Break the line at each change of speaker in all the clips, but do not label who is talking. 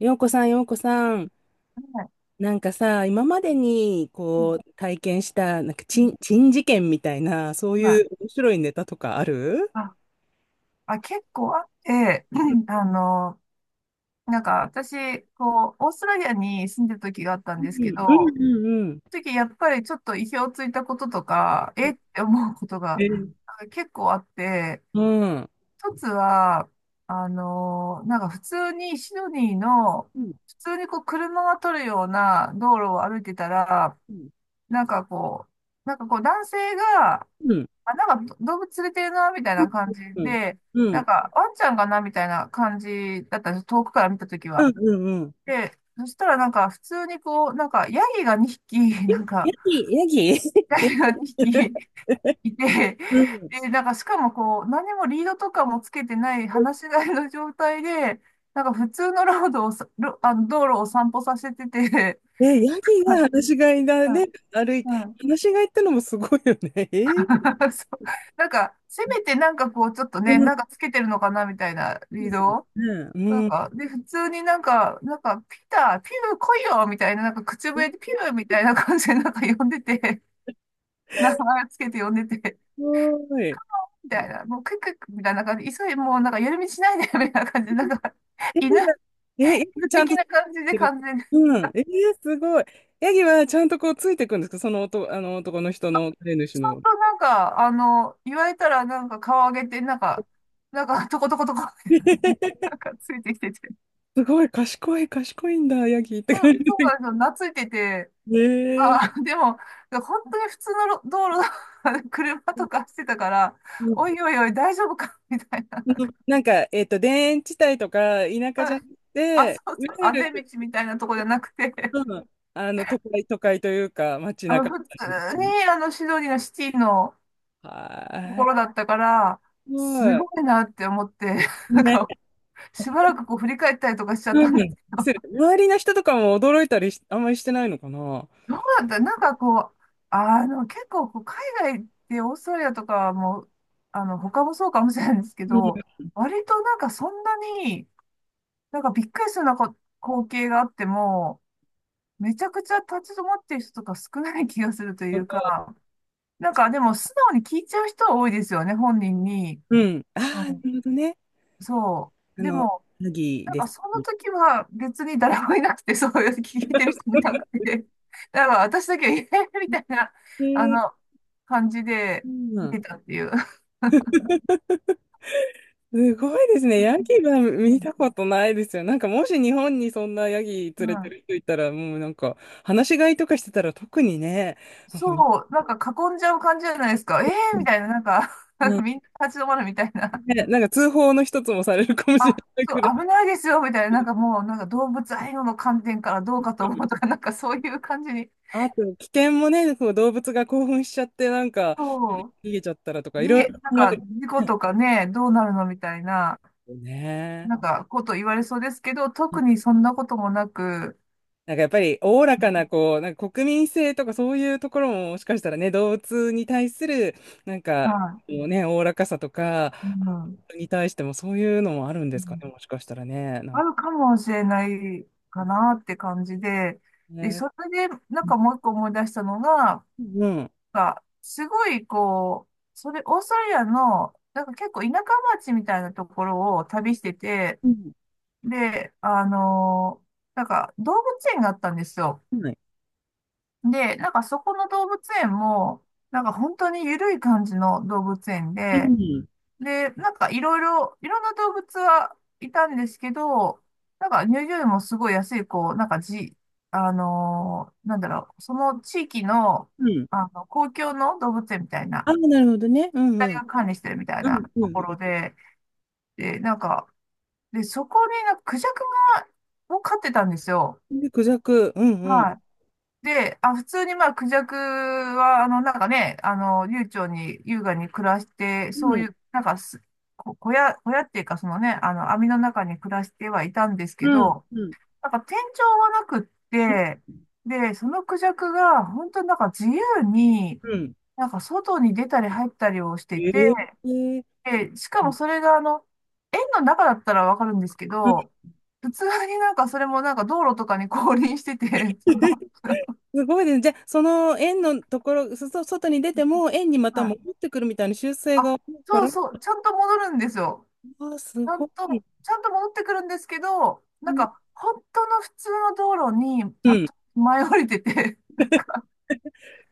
洋子さん、洋子さん、
はい。
なんかさ、今までに
うん
こう体験した、なんか
う
珍、
ん
珍事件みたいな、そう
はい。
いう面白いネタとかある？
あ、結構あって、あの、私、こう、オーストラリアに住んでた時があったん
う
ですけど、
ん、うん、うん、うん。
その時やっぱりちょっと意表をついたこととか、えって思うこと
え
が
ー、
結構あって、
うん。
一つは、あの、なんか普通にシドニーの、
うん、
普通にこう車が通るような道路を歩いてたら、
うん、
なんかこなんかこう男性が、
うん、
あ、なんか動物連れてるな、みたいな感じ
うん、うん、
で、なんかワンちゃんかな、みたいな感じだったんです、遠くから見たとき
う
は。
ん、うん。
で、そしたらなんか普通にこう、なんかヤギが2匹、なん
ヤ
か、
ギ、ヤギ
ヤギが2匹 いて、
うん。
で、なんかしかもこう、何もリードとかもつけてない、放し飼いの状態で、なんか普通のロードをさ、あの道路を散歩させてて、
え、ヤギ
はい。
が放し飼いだね、歩い
う
て、
ん、うん
放し飼いってのもすごいよね。えー、
そう、なんか、せめてなんかこう、ちょっと
う
ね、
ん、
なんかつけてるのかなみたいなリードを。
う
なん
ん、す
か、で、普通になんか、ピター、ピル来いよみたいな、なんか口笛でピルみたいな感じでなんか呼んでて、名前つけて呼んでて、
ごい。
みたいな、もうクックックみたいな感じで、もうなんか夜道しないで、みたいな感じで、なんか、
ヤギ
犬、
が、え、ヤギが
犬
ちゃん
的
と
な感じで
てる。
完全に、
うん。えー、すごい。ヤギはちゃんとこうついてくんですか、その男、あの男の人の飼い主
ちゃん
の。
となんか、あの、言われたらなんか顔上げて、トコトコトコ、な んかついてきてて、
すごい、賢い、賢いんだ、ヤギって
そ
感
う
じ
そ
で。
うなんですよ、懐いてて、
ええ、
あー、でも、本当に普通の道路だ、 車とかしてたから、
う
お
ん、
いおいおい、大丈夫かみたいな。なんか、
なんか、田園地帯とか田舎じゃなく
あ、そ
て、
う
いわ
そう、
ゆ
あ
る、
ぜ道みたいなとこじゃなくて、
うん、都会、都会というか、街
あの、
中み
普通
たい
に、あの、シドニーのシティの
な。
と
は
ころだ
い。
ったから、
す
す
ご
ご
い。
いなって思って、なん
ね、
か、しばらくこう振り返ったりとかしちゃっ
う
た
ん。
んです。
周りの人とかも驚いたりし、あんまりしてないのかな。
どうだったなんかこう、あの、結構こう、海外ってオーストラリアとかも、あの、他もそうかもしれないんですけ
うん。
ど、割となんかそんなに、なんかびっくりするようなこ光景があっても、めちゃくちゃ立ち止まってる人とか少ない気がするというか、なんかでも素直に聞いちゃう人は多いですよね、本人に。
うん。あ
う
あ、な
ん、
るほどね。
そ
あ
う。で
の、
も、
ヤギ
なん
で
か
す。
その時は別に誰もいなくて、そういう聞いてる人もいなくて、だから私だけ、えーみたいな、
え
あ
ー、
の、感じで
う
見
ん。
てたっていう。
すごいですね。ヤギは
う
見
ん、
たことないですよ。なんかもし日本にそんなヤギ
う
連れて
ん
る人いたら、もうなんか、話し飼いとかしてたら特にね、なんか、
そう、なんか囲んじゃう感じじゃないですか。えーみたいな、なんか
う ん、
みんな立ち止まるみたいな。
ね、なんか通報の一つもされるかもしれ
あ、
ない
そう、
くらい。
危ないですよ、みたいな、なんかもう、なんか動物愛護の観点からどうかと思うとか、なんかそういう感じに、
あと、危険もね、こう動物が興奮しちゃって、なんか
そう、
逃げちゃったらとか、いろいろ
なん
考え
か
る
事故とかね、どうなるのみたいな、
ね。
なんかこと言われそうですけど、特にそんなこともなく、
なんかやっぱり、おおらかな、こう、なんか国民性とかそういうところも、もしかしたらね、動物に対する、なんか、
は
こうね、おおらかさとか、
い、
に対してもそういうのもあるんで
う
すかね、
ん
もしかしたらね。な
あ
んか
るかもしれないかなって感じで、で、
ね。
それで、なんかもう一個思い出したのが、
うん。
なんかすごい、こう、それ、オーストラリアの、なんか結構田舎町みたいなところを旅してて、
うん。
で、なんか動物園があったんですよ。
はい。
で、なんかそこの動物園も、なんか本当に緩い感じの動物園
う
で、
ん。
で、なんかいろいろ、いろんな動物はいたんですけど、なんか入場料もすごい安い、こう、なんかじ、あのーなんだろう、その地域の、
うん。
あの、公共の動物園みたいな、
あ、なるほどね。うん、
大
うん。
が管理してるみたい
う
な
ん、
と
う
ころ
ん、
で、で、なんか、で、そこになんかクジャクが、を飼ってたんですよ。
うん。で、クジャク。うん、うん。
はい。で、あ、普通にまあ、クジャクは、あの、なんかね、あの、流暢に優雅に暮らして、
う
そうい
ん。
う、なんかす、こ小屋、小屋っていうか、そのね、あの、網の中に暮らしてはいたんですけ
うん。
ど、
うん。
なんか天井はなくって、で、そのクジャクが、本当になんか自由に、
うん。
なんか外に出たり入ったりをして
え
て、
えー。
で、しか
う
も
ん。
それが、あの、園の中だったらわかるんですけど、普通になんかそれもなんか道路とかに 降臨してて、その、
すごいですね。じゃあ、その円のところ、外に出ても円にま
は
た
い、
戻ってくるみたいな修正
あ、
が多いか
そう
ら、
そう、ちゃんと戻るんですよ。
あー、す
ちゃん
ごい。
と、ちゃんと戻ってくるんですけど、なん
う
か、本当の普通の道路に、
ん。
前降りてて、なんか、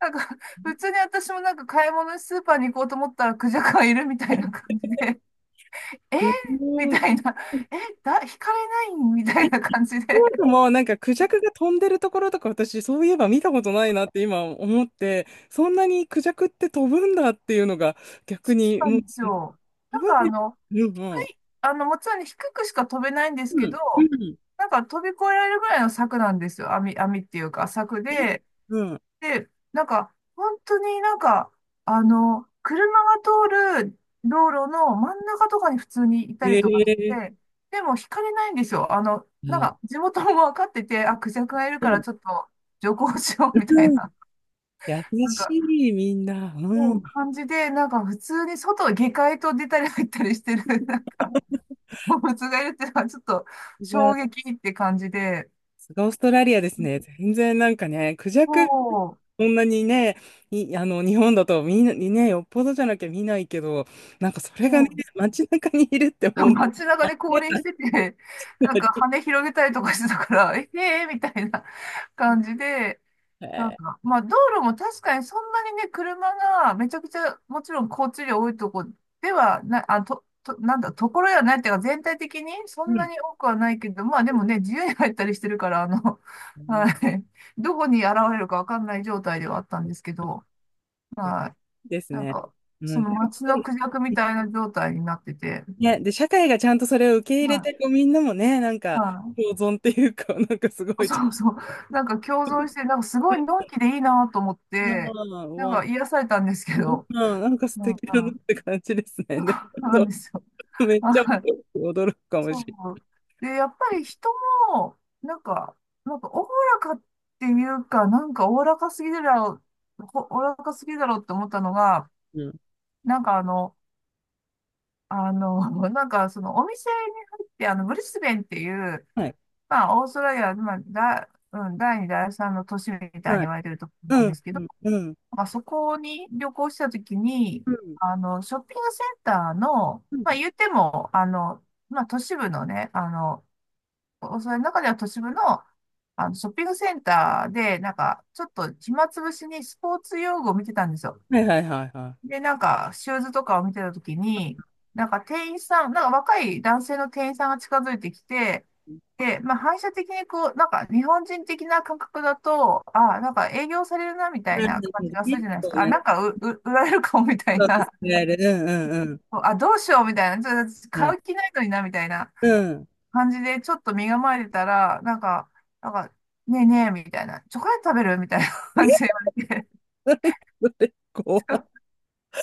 なんか、普通に私もなんか買い物にスーパーに行こうと思ったらクジャクがいるみたいな感じで、えー
す
み
ごい。
たいな、え、だ、引かれないみたいな感じで、
そういも、なんかクジャクが飛んでるところとか私そういえば見たことないなって今思って、そんなにクジャクって飛ぶんだっていうのが逆に
な
も
ん
う
でしょう。
飛
なん
ぶん
かあ
です。
の、
う
低
ん、
い、あの、もちろんね低くしか飛べないんです
うん、
けど、
うん、
なんか飛び越えられるぐらいの柵なんですよ。網っていうか、柵
うん、え、
で、
うん、
で、なんか、本当になんか、あの、車が通る道路の真ん中とかに普通にいたりとかし
ええ、
て、でも引かれないんですよ。あの、
う
なん
ん、
か、地元も分かってて、あ、クジャクがいるから
う
ちょっと徐行しようみたい
ん、
な、
優
なん
し
か、
いみんな、
そ
う
ういう
ん。
感じで、なんか普通に外、下界と出たり入ったりしてる、なんか、動物がいるっていうのはちょっと衝撃って感じで、
さすオーストラリアですね。全然なんかね、クジャク、
そう、
こんなにね、い、あの、日本だとみんなにね、よっぽどじゃなきゃ見ないけど、なんかそれがね、
そう、
街中にいるってもう ね、
街中で降臨
あ
し
り、
てて、なんか羽広げたりとかしてたから、えへえみたいな感じで、なん
え
か、まあ道路も確かにそんなにね、車がめちゃくちゃ、もちろん交通量多いとこではな、あ、と、と、なんだ、ところやないっていうか全体的にそ
ー、う
んな
ん。
に多くはないけど、まあでもね、自由に入ったりしてるから、あの、は
ね、
い、どこに現れるかわかんない状態ではあったんですけど、は
です
い、なん
ね。
か、
う
そ
ん。
の街のクジャクみたいな状態になってて、
ね、で、社会がちゃんとそれを受け入れ
はい。
て、こうみんなもね、なん
は
か、
い、
共存っていうか、なんかすごいちゃん
そ
と
うそう。なんか共存して、なんかすごいの
ね、
んきでいいなと思っ
う
て、
ん、う
なん
わ、
か癒されたんですけ
うん、
ど、
なんか素
うん、
敵だなって感じですね。でも、
な
そ
んですよ。
う、めっちゃ
はい。
驚くかも
そ
しれ
う。で、やっぱり人も、なんか、なんかおおらかっていうか、なんかおおらかすぎるだろう、ほおおらかすぎだろうって思ったのが、
ない。うん、
なんかあの、あの、なんかそのお店に入って、あの、ブリスベンっていう、
はい、
まあ、オーストラリア、まあ、だ、うん、第2、第3の都市みたいに
はい。
言われてるところなん
う
で
ん、
すけ
う
ど、
ん、うん、
まあそこに旅行したときに、
うん。
あの、ショッピングセンターの、
う
まあ
ん、
言っても、あの、まあ都市部のね、あの、それの中では都市部の、あの、ショッピングセンターで、なんか、ちょっと暇つぶしにスポーツ用具を見てたんですよ。
はい、はい、はい、は
で、なんか、シューズとかを見てたときに、なんか店員さん、なんか若い男性の店員さんが近づいてきて、で、まあ反射的にこう、なんか日本人的な感覚だと、ああ、なんか営業されるなみ
い。
たい
なる
な
ほ
感
ど
じ
ね。
がする
結
じゃないです
構
か。あ、
ね、
なんか売られるかもみ
結
たい
構使
な。
える。うん、うん、うん。
あ、どうしようみたいな。ちょっと
は
買
い。
う気ないのになみたいな
うん。
感じで、ちょっと身構えてたら、なんか、ねえねえみたいな。チョコレート食べるみたいな感じ
え、
で言われて。
それ、怖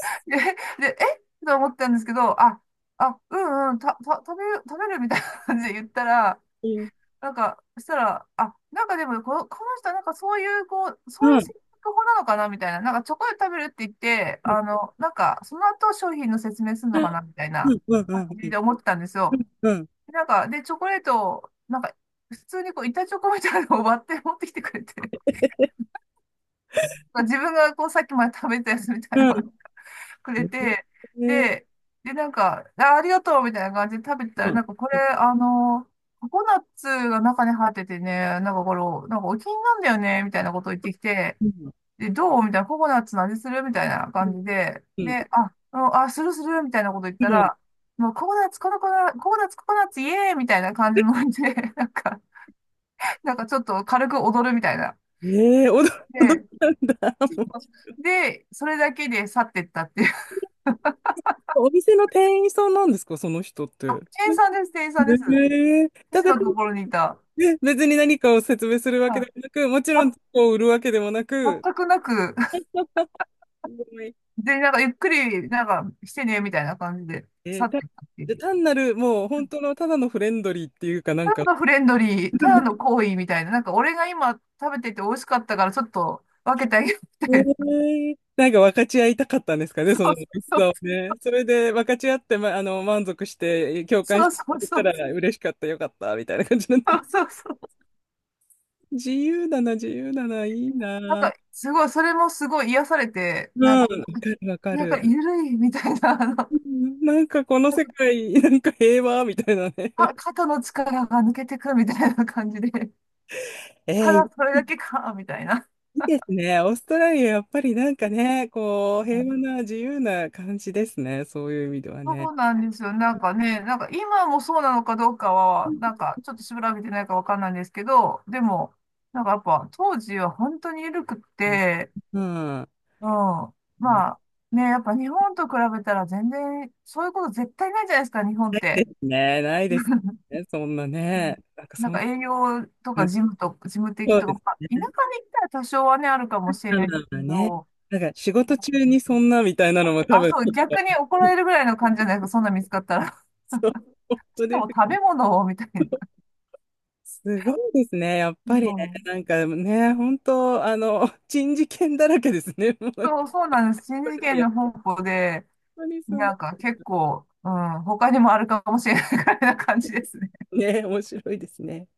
で、で、えと思ったんですけど、あ、うんうん、食べるみたいな感じで言ったら、
い。うん。
なんか、そしたら、あ、なんかでもこの、この人なんかそういう、こう、そう
う
いう
ん。
性格法なのかなみたいな、なんかチョコレート食べるって言って、
うん。
あの、なんか、その後商品の説明する
う
の
ん。
かなみたい
う
な
ん。う
感じ
ん。
で思ってたんですよ。
うん。
なんか、で、チョコレートを、なんか、普通にこう、板チョコみたいなのを割って持ってきてくれて、自分がこう、さっきまで食べたやつみたいなのを
う
くれ
ん。
て、
え、
で、で、なんか、あ、ありがとうみたいな感じで食べてた
う
ら、
ん。
なんかこれ、
う
あの、ココナッツが中に入っててね、なんかこれ、なんかお気に入りなんだよね、みたいなことを言ってきて、
ん。
で、どうみたいな、ココナッツの味するみたいな感じで、
うん。
で、あ、うんあ、するするみたいなこと言っ
う
た
ん。
ら、もうココナッツ、ココナッツ、ココナッツ、イエーイみたいな感じのノリで、なんかちょっと軽く踊るみたいな。
えー、驚驚
で、
いたんだ。もう、
で、それだけで去ってったっていう。
お店の店員さんなんですか、その人って。
あ、
え
店員さんです、店員さんです。
ー、
私
だけ
の
ど、
とこ ろにいた。
ね、別に何かを説明するわけ
は
で
い。
もなく、もちろん、
あ、
こう売るわけでもなく、
全くなく、
すごい、
で、なんかゆっくり、なんかしてね、みたいな感じで、
え
去
ー
っ
た、
ていったっていう。
で単なる、もう本当のただのフレンドリーっていうかな
た
んか、
だのフレンドリー、ただの好意みたいな、なんか俺が今食べてて美味しかったからちょっと分けてあげようみたいな。
なんか分かち合いたかったんですかね、
そ
その
う
美
そ
味
う
し
そう。
さをね。それで分かち合って、ま、満足して、共感
そ
し
うそ
て
う
くれ
そ
た
う。
ら嬉しかった、よかった、みたいな感じなんだ
そう
ろ
そうそう。
う。自由だな、自由だな、いい
なん
な。
か、すごい、それもすごい癒されて、
うん、
なん
わか
か、
る、わか
なんか
る。
ゆるいみたいな、あの、な
うん、なんかこの
ん
世
か
界、なんか平和、みたいなね。
か肩の力が抜けてくみたいな感じで、た
え
だ
ー、
それだけか、みたいな。
いいですね。オーストラリア、やっぱりなんかね、こう、平和な自由な感じですね。そういう意味では
そ
ね。
うなんですよ。なんかね、なんか今もそうなのかどうか
う
は、
ん。
なんかちょっと調べてないかわかんないんですけど、でも、なんかやっぱ当時は本当に緩くって、
うん、
うん。まあね、やっぱ日本と比べたら全然そういうこと絶対ないじゃないですか、日本っ
で
て。
すね。ないですね。そんな
う
ね。
ん、
なんか
な
そ
ん
んな、
か営業とか事務と、事務的
そう
とか、
です。
まあ、田舎に行ったら多少はね、あるかもしれ
まあ
な
ま
いけ
あまあね。
ど、
なんか仕事中にそんなみたいなのも多
あ、
分、
そう、
ちょっ
逆に怒ら
と
れるぐらいの感じじゃないですか、そんな見つかったら。
そう、本
し
当
か
です
も食
よ。
べ物を、みたいな。
すごいですね。やっ
う
ぱりね。
ん、
なんかね、本当、珍事件だらけですね。もう、やっ
そう、そうなんです。新
ぱ
次
り、
元
やっ
の方向で、
ぱりすご
な
い。
んか結構、うん、他にもあるかもしれない からな感じですね。
ね、面白いですね。